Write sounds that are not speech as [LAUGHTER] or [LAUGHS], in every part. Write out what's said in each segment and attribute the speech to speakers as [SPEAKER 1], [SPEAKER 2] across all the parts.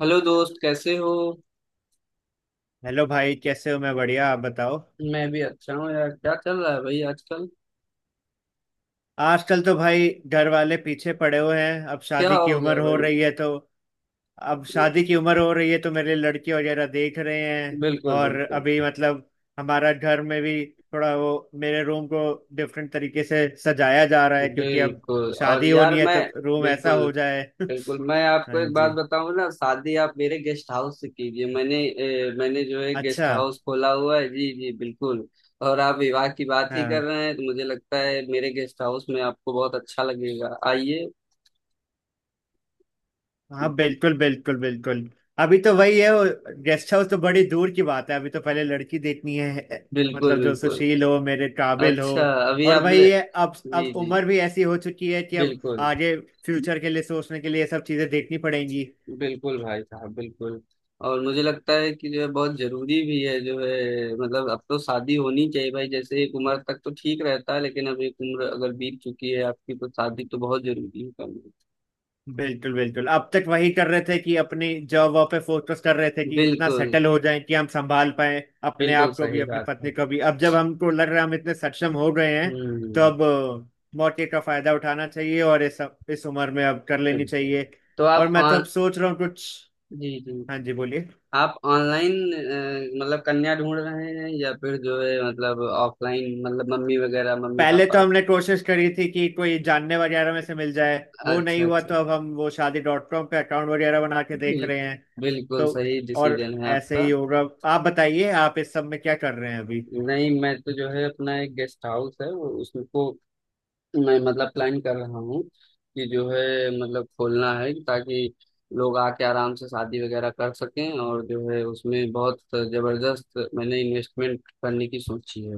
[SPEAKER 1] Hello दोस्त, कैसे हो।
[SPEAKER 2] हेलो भाई, कैसे हो? मैं बढ़िया, आप बताओ।
[SPEAKER 1] मैं भी अच्छा हूँ यार, क्या चल रहा है भाई आजकल?
[SPEAKER 2] आजकल तो भाई घर वाले पीछे पड़े हुए हैं। अब
[SPEAKER 1] क्या
[SPEAKER 2] शादी की
[SPEAKER 1] हो
[SPEAKER 2] उम्र
[SPEAKER 1] गया
[SPEAKER 2] हो
[SPEAKER 1] भाई?
[SPEAKER 2] रही है तो अब शादी की उम्र हो रही है तो मेरे लिए लड़की वगैरह देख रहे हैं।
[SPEAKER 1] बिल्कुल,
[SPEAKER 2] और
[SPEAKER 1] बिल्कुल,
[SPEAKER 2] अभी मतलब हमारा घर में भी थोड़ा वो मेरे रूम को डिफरेंट तरीके से सजाया जा रहा है क्योंकि अब
[SPEAKER 1] बिल्कुल। और
[SPEAKER 2] शादी
[SPEAKER 1] यार
[SPEAKER 2] होनी है
[SPEAKER 1] मैं...
[SPEAKER 2] तो रूम ऐसा
[SPEAKER 1] बिल्कुल,
[SPEAKER 2] हो जाए। [LAUGHS] हाँ
[SPEAKER 1] बिल्कुल। मैं आपको एक बात
[SPEAKER 2] जी।
[SPEAKER 1] बताऊँ ना, शादी आप मेरे गेस्ट हाउस से कीजिए। मैंने मैंने जो है गेस्ट
[SPEAKER 2] अच्छा।
[SPEAKER 1] हाउस खोला हुआ है। जी जी, बिल्कुल। और आप विवाह की बात ही कर
[SPEAKER 2] हाँ,
[SPEAKER 1] रहे हैं तो मुझे लगता है मेरे गेस्ट हाउस में आपको बहुत अच्छा लगेगा, आइए।
[SPEAKER 2] हाँ, बिल्कुल, बिल्कुल, बिल्कुल। अभी तो वही है वो, गेस्ट हाउस तो बड़ी दूर की बात है, अभी तो पहले लड़की देखनी है,
[SPEAKER 1] बिल्कुल,
[SPEAKER 2] मतलब जो
[SPEAKER 1] बिल्कुल।
[SPEAKER 2] सुशील हो, मेरे काबिल हो।
[SPEAKER 1] अच्छा, अभी
[SPEAKER 2] और
[SPEAKER 1] आपने...
[SPEAKER 2] वही है,
[SPEAKER 1] जी
[SPEAKER 2] अब
[SPEAKER 1] जी।
[SPEAKER 2] उम्र भी ऐसी हो चुकी है कि अब
[SPEAKER 1] बिल्कुल,
[SPEAKER 2] आगे फ्यूचर के लिए सोचने के लिए ये सब चीजें देखनी पड़ेंगी।
[SPEAKER 1] बिल्कुल भाई साहब, बिल्कुल। और मुझे लगता है कि जो है बहुत जरूरी भी है जो है, मतलब अब तो शादी होनी चाहिए भाई। जैसे एक उम्र तक तो ठीक रहता है, लेकिन अब एक उम्र अगर बीत चुकी है आपकी तो शादी तो बहुत जरूरी है करनी।
[SPEAKER 2] बिल्कुल बिल्कुल। अब तक वही कर रहे थे कि अपनी जॉब वॉब पे फोकस कर रहे थे कि इतना
[SPEAKER 1] बिल्कुल
[SPEAKER 2] सेटल हो जाए कि हम संभाल पाए अपने
[SPEAKER 1] बिल्कुल,
[SPEAKER 2] आप को भी,
[SPEAKER 1] सही
[SPEAKER 2] अपनी
[SPEAKER 1] बात है।
[SPEAKER 2] पत्नी को भी। अब जब हमको लग रहा है हम इतने सक्षम हो गए हैं तो
[SPEAKER 1] हम्म।
[SPEAKER 2] अब मौके का फायदा उठाना चाहिए और इस उम्र में अब कर लेनी
[SPEAKER 1] बिल्कुल।
[SPEAKER 2] चाहिए।
[SPEAKER 1] तो
[SPEAKER 2] और
[SPEAKER 1] आप
[SPEAKER 2] मैं तो
[SPEAKER 1] ऑन...
[SPEAKER 2] अब सोच रहा हूँ कुछ।
[SPEAKER 1] जी
[SPEAKER 2] हाँ
[SPEAKER 1] जी।
[SPEAKER 2] जी, बोलिए।
[SPEAKER 1] आप ऑनलाइन मतलब कन्या ढूंढ रहे हैं, या फिर जो है मतलब ऑफलाइन, मतलब मम्मी वगैरह, मम्मी
[SPEAKER 2] पहले तो
[SPEAKER 1] पापा?
[SPEAKER 2] हमने कोशिश करी थी कि कोई जानने वगैरह में से मिल जाए, वो नहीं
[SPEAKER 1] अच्छा,
[SPEAKER 2] हुआ
[SPEAKER 1] अच्छा।
[SPEAKER 2] तो अब हम वो शादी डॉट कॉम पे अकाउंट वगैरह बना के देख रहे।
[SPEAKER 1] बिल्कुल, बिल्कुल
[SPEAKER 2] तो
[SPEAKER 1] सही
[SPEAKER 2] और
[SPEAKER 1] डिसीजन है
[SPEAKER 2] ऐसे
[SPEAKER 1] आपका।
[SPEAKER 2] ही होगा। आप बताइए, आप इस सब में क्या कर रहे हैं अभी?
[SPEAKER 1] नहीं, मैं तो जो है अपना एक गेस्ट हाउस है वो उसको, मैं मतलब प्लान कर रहा हूँ कि जो है मतलब खोलना है, ताकि लोग आके आराम से शादी वगैरह कर सकें। और जो है उसमें बहुत जबरदस्त मैंने इन्वेस्टमेंट करने की सोची है।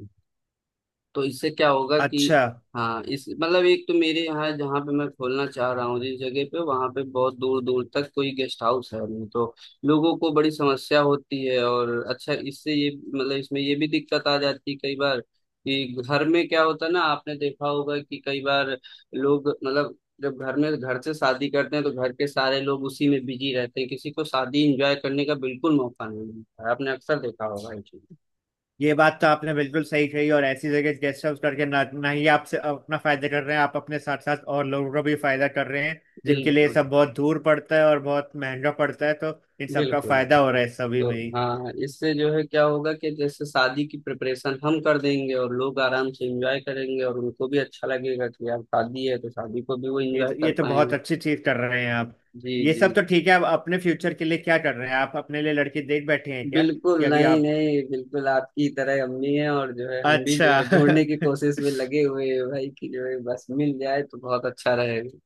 [SPEAKER 1] तो इससे क्या होगा कि,
[SPEAKER 2] अच्छा।
[SPEAKER 1] हाँ, इस मतलब एक तो मेरे यहाँ जहाँ पे मैं खोलना चाह रहा हूँ जिस जगह पे, वहाँ पे बहुत दूर दूर तक कोई गेस्ट हाउस है नहीं। तो लोगों को बड़ी समस्या होती है। और अच्छा, इससे ये मतलब इसमें ये भी दिक्कत आ जाती है कई बार, कि घर में क्या होता है ना, आपने देखा होगा कि कई बार लोग मतलब जब घर में, घर से शादी करते हैं तो घर के सारे लोग उसी में बिजी रहते हैं, किसी को शादी एंजॉय करने का बिल्कुल मौका नहीं मिलता है। आपने अक्सर देखा होगा ये चीज।
[SPEAKER 2] ये बात तो आपने बिल्कुल सही कही, और ऐसी जगह गेस्ट हाउस करके ना, ना ही आपसे अपना फायदा कर रहे हैं, आप अपने साथ साथ और लोगों का भी फायदा कर रहे हैं जिनके लिए ये
[SPEAKER 1] बिल्कुल,
[SPEAKER 2] सब बहुत दूर पड़ता है और बहुत महंगा पड़ता है, तो इन सब का
[SPEAKER 1] बिल्कुल।
[SPEAKER 2] फायदा हो रहा है सभी
[SPEAKER 1] तो
[SPEAKER 2] में ही।
[SPEAKER 1] हाँ, इससे जो है क्या होगा कि जैसे शादी की प्रिपरेशन हम कर देंगे और लोग आराम से एंजॉय करेंगे, और उनको भी अच्छा लगेगा कि यार शादी है तो शादी को भी वो एंजॉय
[SPEAKER 2] ये
[SPEAKER 1] कर
[SPEAKER 2] तो बहुत
[SPEAKER 1] पाएंगे।
[SPEAKER 2] अच्छी चीज कर रहे हैं आप।
[SPEAKER 1] जी
[SPEAKER 2] ये सब
[SPEAKER 1] जी,
[SPEAKER 2] तो ठीक है, आप अपने फ्यूचर के लिए क्या कर रहे हैं? आप अपने लिए लड़की देख बैठे हैं क्या
[SPEAKER 1] बिल्कुल।
[SPEAKER 2] कि अभी
[SPEAKER 1] नहीं
[SPEAKER 2] आप?
[SPEAKER 1] नहीं, बिल्कुल आपकी तरह हम भी हैं, और जो है हम भी जो है
[SPEAKER 2] अच्छा।
[SPEAKER 1] ढूंढने की कोशिश
[SPEAKER 2] [LAUGHS]
[SPEAKER 1] में लगे हुए हैं भाई, कि जो है बस मिल जाए तो बहुत अच्छा रहेगा।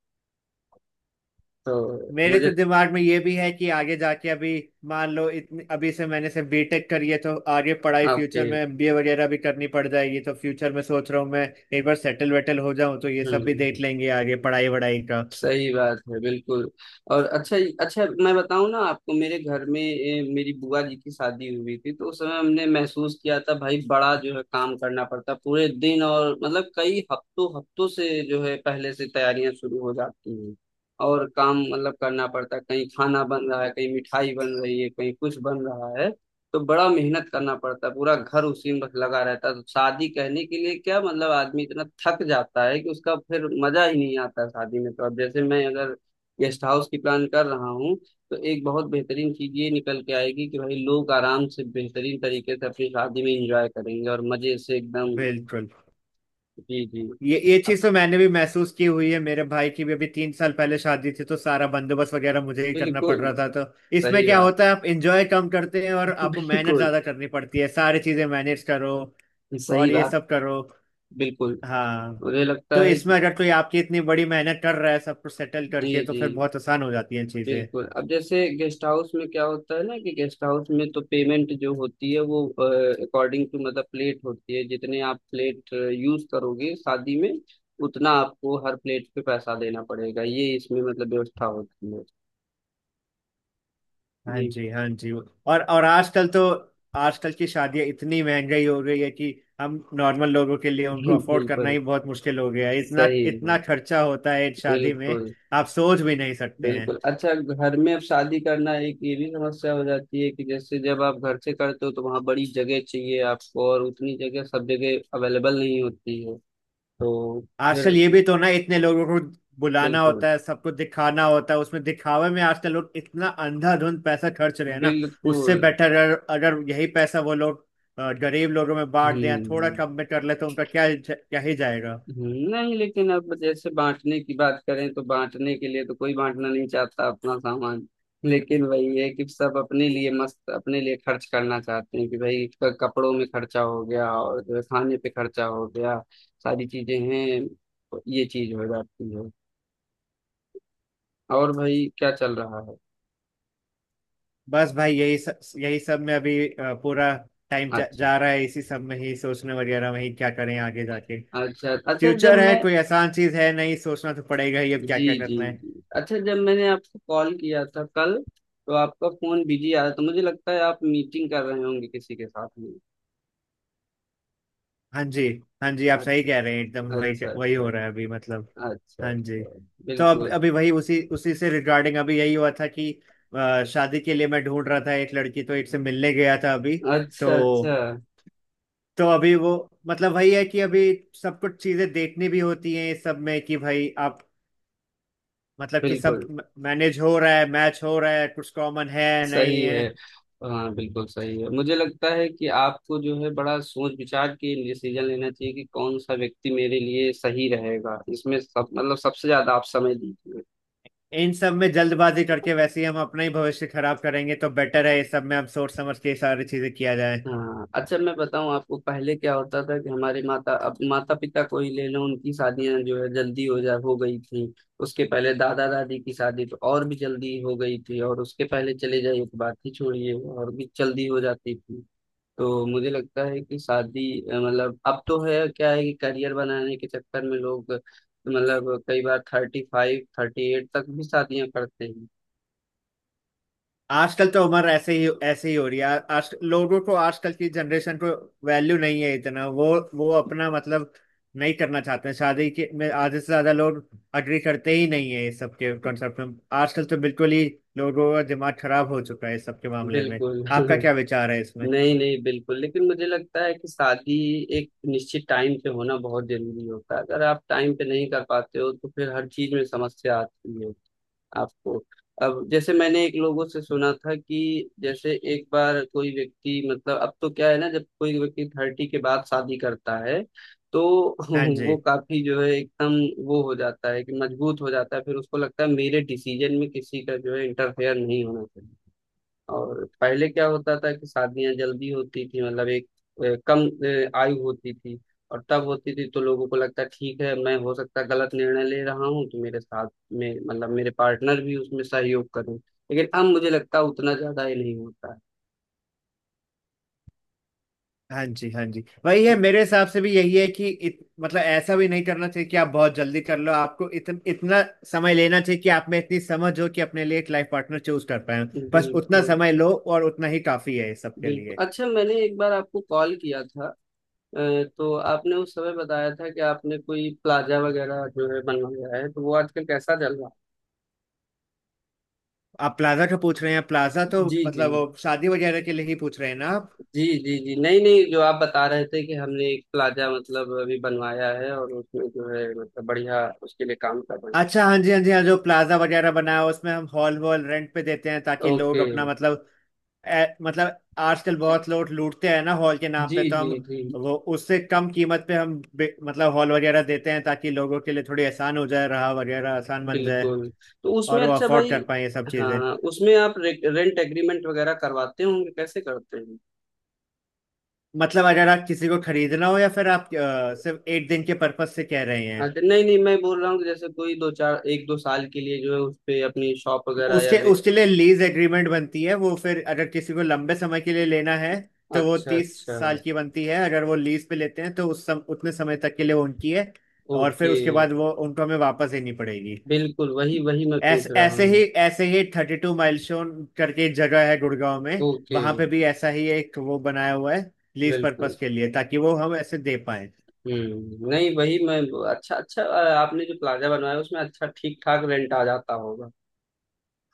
[SPEAKER 1] तो
[SPEAKER 2] मेरे तो
[SPEAKER 1] मुझे...
[SPEAKER 2] दिमाग में ये भी है कि आगे जाके अभी, मान लो, इतनी अभी से मैंने सिर्फ बीटेक करी है तो आगे पढ़ाई
[SPEAKER 1] आपके...
[SPEAKER 2] फ्यूचर में एमबीए वगैरह भी करनी पड़ जाएगी, तो फ्यूचर में सोच रहा हूँ मैं, एक बार सेटल वेटल हो जाऊं तो ये सब भी देख
[SPEAKER 1] हम्म,
[SPEAKER 2] लेंगे आगे पढ़ाई वढ़ाई का।
[SPEAKER 1] सही बात है, बिल्कुल। और अच्छा, अच्छा मैं बताऊं ना आपको, मेरे घर में मेरी बुआ जी की शादी हुई थी, तो उस समय हमने महसूस किया था भाई, बड़ा जो है काम करना पड़ता पूरे दिन। और मतलब कई हफ्तों हफ्तों से जो है पहले से तैयारियां शुरू हो जाती हैं, और काम मतलब करना पड़ता है। कहीं खाना बन रहा है, कहीं मिठाई बन रही है, कहीं कुछ बन रहा है, तो बड़ा मेहनत करना पड़ता है। पूरा घर उसी में बस लगा रहता है। तो शादी कहने के लिए क्या, मतलब आदमी इतना थक जाता है कि उसका फिर मजा ही नहीं आता है शादी में। तो अब जैसे मैं अगर गेस्ट हाउस की प्लान कर रहा हूँ, तो एक बहुत बेहतरीन चीज ये निकल के आएगी कि भाई लोग आराम से बेहतरीन तरीके से अपनी शादी में एंजॉय करेंगे, और मजे से एकदम।
[SPEAKER 2] बिल्कुल।
[SPEAKER 1] जी जी।
[SPEAKER 2] ये चीज तो मैंने भी महसूस की हुई है, मेरे भाई की भी अभी 3 साल पहले शादी थी तो सारा बंदोबस्त वगैरह मुझे ही करना पड़
[SPEAKER 1] बिल्कुल
[SPEAKER 2] रहा था। तो इसमें
[SPEAKER 1] सही
[SPEAKER 2] क्या
[SPEAKER 1] बात,
[SPEAKER 2] होता है आप एंजॉय कम करते हैं और आपको मेहनत
[SPEAKER 1] बिल्कुल
[SPEAKER 2] ज्यादा करनी पड़ती है, सारी चीजें मैनेज करो
[SPEAKER 1] सही
[SPEAKER 2] और ये
[SPEAKER 1] बात,
[SPEAKER 2] सब करो।
[SPEAKER 1] बिल्कुल।
[SPEAKER 2] हाँ।
[SPEAKER 1] मुझे लगता
[SPEAKER 2] तो
[SPEAKER 1] है
[SPEAKER 2] इसमें
[SPEAKER 1] कि...
[SPEAKER 2] अगर कोई आपकी इतनी बड़ी मेहनत कर रहा है सब कुछ सेटल
[SPEAKER 1] जी
[SPEAKER 2] करके, तो
[SPEAKER 1] जी।
[SPEAKER 2] फिर बहुत आसान हो जाती हैं चीजें।
[SPEAKER 1] बिल्कुल, अब जैसे गेस्ट हाउस में क्या होता है ना, कि गेस्ट हाउस में तो पेमेंट जो होती है वो अकॉर्डिंग टू मतलब प्लेट होती है। जितने आप प्लेट यूज करोगे शादी में, उतना आपको हर प्लेट पे पैसा देना पड़ेगा, ये इसमें मतलब व्यवस्था होती है।
[SPEAKER 2] हाँ
[SPEAKER 1] जी।
[SPEAKER 2] जी, हाँ जी। और आजकल तो आजकल की शादियां इतनी महंगाई हो गई है कि हम नॉर्मल लोगों के लिए उनको
[SPEAKER 1] [LAUGHS]
[SPEAKER 2] अफोर्ड करना
[SPEAKER 1] बिल्कुल,
[SPEAKER 2] ही बहुत मुश्किल हो गया है। इतना
[SPEAKER 1] सही है।
[SPEAKER 2] इतना खर्चा होता है एक शादी में,
[SPEAKER 1] बिल्कुल,
[SPEAKER 2] आप सोच भी नहीं सकते।
[SPEAKER 1] बिल्कुल। अच्छा, घर में अब शादी करना, एक ये भी समस्या हो जाती है कि जैसे जब आप घर से करते हो तो वहाँ बड़ी जगह चाहिए आपको, और उतनी जगह सब जगह अवेलेबल नहीं होती है। तो फिर...
[SPEAKER 2] आजकल ये भी तो ना, इतने लोगों को बुलाना
[SPEAKER 1] बिल्कुल,
[SPEAKER 2] होता है, सबको दिखाना होता है। उसमें दिखावे में आजकल लोग इतना अंधाधुंध पैसा खर्च रहे हैं ना, उससे
[SPEAKER 1] बिल्कुल।
[SPEAKER 2] बेटर अगर यही पैसा वो लोग गरीब लोगों में बांट दें, थोड़ा
[SPEAKER 1] हम्म।
[SPEAKER 2] कम में कर ले, तो उनका क्या क्या ही जाएगा।
[SPEAKER 1] नहीं लेकिन अब जैसे बांटने की बात करें, तो बांटने के लिए तो कोई बांटना नहीं चाहता अपना सामान। लेकिन वही है कि सब अपने लिए मस्त, अपने लिए खर्च करना चाहते हैं, कि भाई कपड़ों में खर्चा हो गया, और जो है खाने पे खर्चा हो गया, सारी चीजें हैं, ये चीज हो जाती है। और भाई, क्या चल रहा है?
[SPEAKER 2] बस भाई यही सब में अभी पूरा
[SPEAKER 1] अच्छा,
[SPEAKER 2] जा रहा है, इसी सब में ही सोचने वगैरह में ही, क्या करें आगे जाके।
[SPEAKER 1] अच्छा। अच्छा जब
[SPEAKER 2] फ्यूचर है,
[SPEAKER 1] मैं...
[SPEAKER 2] कोई आसान चीज है नहीं, सोचना तो पड़ेगा ही अब क्या
[SPEAKER 1] जी
[SPEAKER 2] क्या
[SPEAKER 1] जी
[SPEAKER 2] करना है।
[SPEAKER 1] जी। अच्छा, जब मैंने आपको कॉल किया था कल तो आपका फोन बिजी आ रहा था, मुझे लगता है आप मीटिंग कर रहे होंगे किसी के साथ में।
[SPEAKER 2] हाँ जी, हाँ जी, आप सही
[SPEAKER 1] अच्छा,
[SPEAKER 2] कह रहे हैं, एकदम वही
[SPEAKER 1] अच्छा।
[SPEAKER 2] वही हो
[SPEAKER 1] अच्छा,
[SPEAKER 2] रहा है अभी मतलब।
[SPEAKER 1] अच्छा।
[SPEAKER 2] हाँ जी।
[SPEAKER 1] अच्छा।
[SPEAKER 2] तो अब
[SPEAKER 1] बिल्कुल।
[SPEAKER 2] अभी वही उसी उसी से रिगार्डिंग अभी यही हुआ था कि शादी के लिए मैं ढूंढ रहा था एक लड़की, तो एक से मिलने गया था अभी।
[SPEAKER 1] अच्छा,
[SPEAKER 2] तो
[SPEAKER 1] अच्छा।
[SPEAKER 2] तो अभी वो, मतलब वही है कि अभी सब कुछ चीजें देखनी भी होती हैं इस सब में कि भाई आप, मतलब कि सब
[SPEAKER 1] बिल्कुल,
[SPEAKER 2] मैनेज हो रहा है, मैच हो रहा है, कुछ कॉमन है, नहीं
[SPEAKER 1] सही
[SPEAKER 2] है।
[SPEAKER 1] है। हाँ बिल्कुल सही है, मुझे लगता है कि आपको जो है बड़ा सोच विचार के डिसीजन लेना चाहिए कि कौन सा व्यक्ति मेरे लिए सही रहेगा, इसमें सब मतलब सबसे ज्यादा आप समय दीजिए।
[SPEAKER 2] इन सब में जल्दबाजी करके वैसे ही हम अपना ही भविष्य खराब करेंगे, तो बेटर है इस सब में अब सोच समझ के सारी चीजें किया जाए।
[SPEAKER 1] हाँ, अच्छा मैं बताऊं आपको, पहले क्या होता था कि हमारे माता, अब माता पिता को ही ले लो, उनकी शादियां जो है जल्दी हो गई थी। उसके पहले दादा दादी की शादी तो और भी जल्दी हो गई थी, और उसके पहले चले जाइए तो बात ही छोड़िए, और भी जल्दी हो जाती थी। तो मुझे लगता है कि शादी मतलब अब तो है क्या है कि करियर बनाने के चक्कर में लोग मतलब कई बार थर्टी फाइव, थर्टी एट तक भी शादियां करते हैं।
[SPEAKER 2] आजकल तो उम्र ऐसे ही हो रही है आज, लोगों को, आजकल की जनरेशन को वैल्यू नहीं है इतना, वो अपना मतलब नहीं करना चाहते हैं शादी के, में आधे से ज्यादा लोग अग्री करते ही नहीं है इस सब के कॉन्सेप्ट में। आजकल तो बिल्कुल ही लोगों का दिमाग खराब हो चुका है इस सब के मामले में।
[SPEAKER 1] बिल्कुल।
[SPEAKER 2] आपका क्या
[SPEAKER 1] [LAUGHS]
[SPEAKER 2] विचार है इसमें?
[SPEAKER 1] नहीं नहीं, बिल्कुल, लेकिन मुझे लगता है कि शादी एक निश्चित टाइम पे होना बहुत जरूरी होता है। अगर आप टाइम पे नहीं कर पाते हो तो फिर हर चीज में समस्या आती है आपको। अब जैसे मैंने एक लोगों से सुना था, कि जैसे एक बार कोई व्यक्ति मतलब, अब तो क्या है ना, जब कोई व्यक्ति थर्टी के बाद शादी करता है, तो [LAUGHS]
[SPEAKER 2] हाँ जी,
[SPEAKER 1] वो काफी जो है एकदम वो हो जाता है, कि मजबूत हो जाता है, फिर उसको लगता है मेरे डिसीजन में किसी का जो है इंटरफेयर नहीं होना चाहिए। और पहले क्या होता था कि शादियां जल्दी होती थी, मतलब एक कम आयु होती थी, और तब होती थी तो लोगों को लगता ठीक है मैं हो सकता है गलत निर्णय ले रहा हूँ तो मेरे साथ में मतलब मेरे पार्टनर भी उसमें सहयोग करें, लेकिन अब मुझे लगता है उतना ज्यादा ही नहीं होता है।
[SPEAKER 2] हाँ जी, हाँ जी, वही है,
[SPEAKER 1] जी,
[SPEAKER 2] मेरे हिसाब से भी यही है कि मतलब ऐसा भी नहीं करना चाहिए कि आप बहुत जल्दी कर लो, आपको इतना समय लेना चाहिए कि आप में इतनी समझ हो कि अपने लिए एक लाइफ पार्टनर चूज कर पाए। बस उतना
[SPEAKER 1] बिल्कुल,
[SPEAKER 2] समय लो और उतना ही काफी है सबके लिए।
[SPEAKER 1] बिल्कुल। अच्छा, मैंने एक बार आपको कॉल किया था तो आपने उस समय बताया था कि आपने कोई प्लाजा वगैरह जो है बनवाया है, तो वो आजकल कैसा चल रहा है?
[SPEAKER 2] आप प्लाजा का पूछ रहे हैं? प्लाजा तो
[SPEAKER 1] जी जी
[SPEAKER 2] मतलब वो शादी वगैरह के लिए ही पूछ रहे हैं ना आप?
[SPEAKER 1] जी। जी जी, नहीं नहीं, जो आप बता रहे थे कि हमने एक प्लाजा मतलब अभी बनवाया है और उसमें जो है मतलब बढ़िया उसके लिए काम कर रहे हैं।
[SPEAKER 2] अच्छा, हाँ जी, हाँ जी, हाँ, जो प्लाजा वगैरह बनाया है, उसमें हम हॉल वॉल रेंट पे देते हैं ताकि लोग
[SPEAKER 1] ओके।
[SPEAKER 2] अपना मतलब, मतलब आजकल बहुत लोग लूटते हैं ना हॉल के नाम
[SPEAKER 1] जी
[SPEAKER 2] पे, तो
[SPEAKER 1] जी
[SPEAKER 2] हम
[SPEAKER 1] जी,
[SPEAKER 2] वो उससे कम कीमत पे हम मतलब हॉल वगैरह देते हैं ताकि लोगों के लिए थोड़ी आसान हो जाए, रहा वगैरह आसान बन जाए
[SPEAKER 1] बिल्कुल। तो उसमें
[SPEAKER 2] और वो
[SPEAKER 1] अच्छा
[SPEAKER 2] अफोर्ड
[SPEAKER 1] भाई,
[SPEAKER 2] कर पाए ये सब चीजें।
[SPEAKER 1] हाँ उसमें आप रेंट एग्रीमेंट वगैरह करवाते होंगे, कैसे करते हैं?
[SPEAKER 2] मतलब अगर आप किसी को खरीदना हो या फिर आप सिर्फ एक दिन के पर्पज से कह रहे हैं,
[SPEAKER 1] अच्छा नहीं नहीं, मैं बोल रहा हूँ कि जैसे कोई दो चार एक दो साल के लिए जो है उस पे अपनी शॉप वगैरह या
[SPEAKER 2] उसके उसके लिए लीज एग्रीमेंट बनती है। वो फिर अगर किसी को लंबे समय के लिए लेना है तो वो
[SPEAKER 1] अच्छा,
[SPEAKER 2] तीस
[SPEAKER 1] अच्छा।
[SPEAKER 2] साल की बनती है। अगर वो लीज पे लेते हैं तो उतने समय तक के लिए वो उनकी है, और फिर
[SPEAKER 1] ओके,
[SPEAKER 2] उसके बाद वो उनको हमें वापस देनी पड़ेगी।
[SPEAKER 1] बिल्कुल वही वही मैं
[SPEAKER 2] ऐसे
[SPEAKER 1] पूछ रहा हूँ।
[SPEAKER 2] ऐसे ही थर्टी टू माइलस्टोन करके एक जगह है गुड़गांव में,
[SPEAKER 1] ओके,
[SPEAKER 2] वहां पे भी ऐसा ही एक वो बनाया हुआ है लीज
[SPEAKER 1] बिल्कुल।
[SPEAKER 2] पर्पस के लिए, ताकि वो हम ऐसे दे पाए।
[SPEAKER 1] नहीं वही मैं... अच्छा, अच्छा। आपने जो प्लाजा बनवाया उसमें अच्छा ठीक ठाक रेंट आ जाता होगा?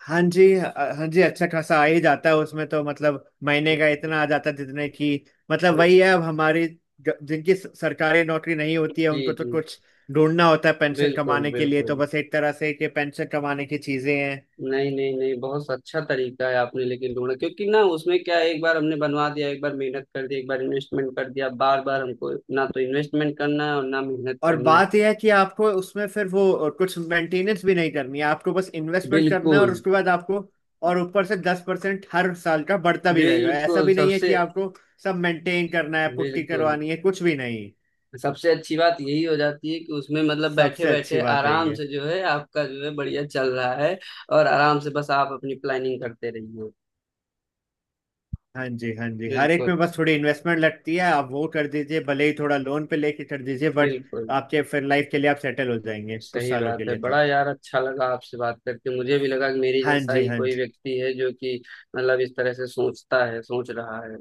[SPEAKER 2] हाँ जी, हाँ जी अच्छा खासा आ ही जाता है उसमें तो, मतलब महीने का इतना आ जाता है जितने की, मतलब वही है अब हमारी जिनकी सरकारी नौकरी नहीं होती है
[SPEAKER 1] जी
[SPEAKER 2] उनको तो
[SPEAKER 1] जी,
[SPEAKER 2] कुछ ढूंढना होता है पेंशन
[SPEAKER 1] बिल्कुल,
[SPEAKER 2] कमाने के लिए, तो
[SPEAKER 1] बिल्कुल।
[SPEAKER 2] बस एक तरह से कि पेंशन कमाने की चीजें हैं।
[SPEAKER 1] नहीं नहीं नहीं, बहुत अच्छा तरीका है आपने लेकिन ढूंढा, क्योंकि ना उसमें क्या है, एक बार हमने बनवा दिया, एक बार मेहनत कर दी, एक बार इन्वेस्टमेंट कर दिया, बार बार हमको ना तो इन्वेस्टमेंट करना है और ना मेहनत
[SPEAKER 2] और
[SPEAKER 1] करनी है।
[SPEAKER 2] बात यह है कि आपको उसमें फिर वो कुछ मेंटेनेंस भी नहीं करनी है, आपको बस इन्वेस्टमेंट करना है और
[SPEAKER 1] बिल्कुल।
[SPEAKER 2] उसके बाद आपको, और ऊपर से 10% हर साल का बढ़ता भी रहेगा, ऐसा
[SPEAKER 1] बिल्कुल,
[SPEAKER 2] भी नहीं है
[SPEAKER 1] सबसे...
[SPEAKER 2] कि आपको सब मेंटेन करना है, पुट्टी
[SPEAKER 1] बिल्कुल,
[SPEAKER 2] करवानी है, कुछ भी नहीं।
[SPEAKER 1] सबसे अच्छी बात यही हो जाती है कि उसमें मतलब बैठे
[SPEAKER 2] सबसे अच्छी
[SPEAKER 1] बैठे
[SPEAKER 2] बात है
[SPEAKER 1] आराम
[SPEAKER 2] ये।
[SPEAKER 1] से जो है आपका जो है बढ़िया चल रहा है। और आराम से बस आप अपनी प्लानिंग करते रहिए।
[SPEAKER 2] हाँ जी, हाँ जी, हर एक
[SPEAKER 1] बिल्कुल,
[SPEAKER 2] में बस थोड़ी इन्वेस्टमेंट लगती है, आप वो कर दीजिए, भले ही थोड़ा लोन पे लेके कर दीजिए, बट
[SPEAKER 1] बिल्कुल,
[SPEAKER 2] आपके फिर लाइफ के लिए आप सेटल हो जाएंगे कुछ
[SPEAKER 1] सही
[SPEAKER 2] सालों के
[SPEAKER 1] बात है।
[SPEAKER 2] लिए तो।
[SPEAKER 1] बड़ा यार अच्छा लगा आपसे बात करके, मुझे भी लगा कि मेरी
[SPEAKER 2] हाँ
[SPEAKER 1] जैसा
[SPEAKER 2] जी,
[SPEAKER 1] ही
[SPEAKER 2] हाँ
[SPEAKER 1] कोई
[SPEAKER 2] जी,
[SPEAKER 1] व्यक्ति है जो कि मतलब इस तरह से सोचता है, सोच रहा है।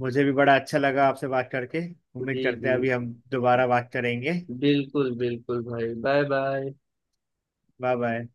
[SPEAKER 2] मुझे भी बड़ा अच्छा लगा आपसे बात करके, उम्मीद
[SPEAKER 1] जी
[SPEAKER 2] करते हैं
[SPEAKER 1] जी,
[SPEAKER 2] अभी हम दोबारा बात करेंगे।
[SPEAKER 1] बिल्कुल, बिल्कुल भाई, बाय बाय।
[SPEAKER 2] Bye bye.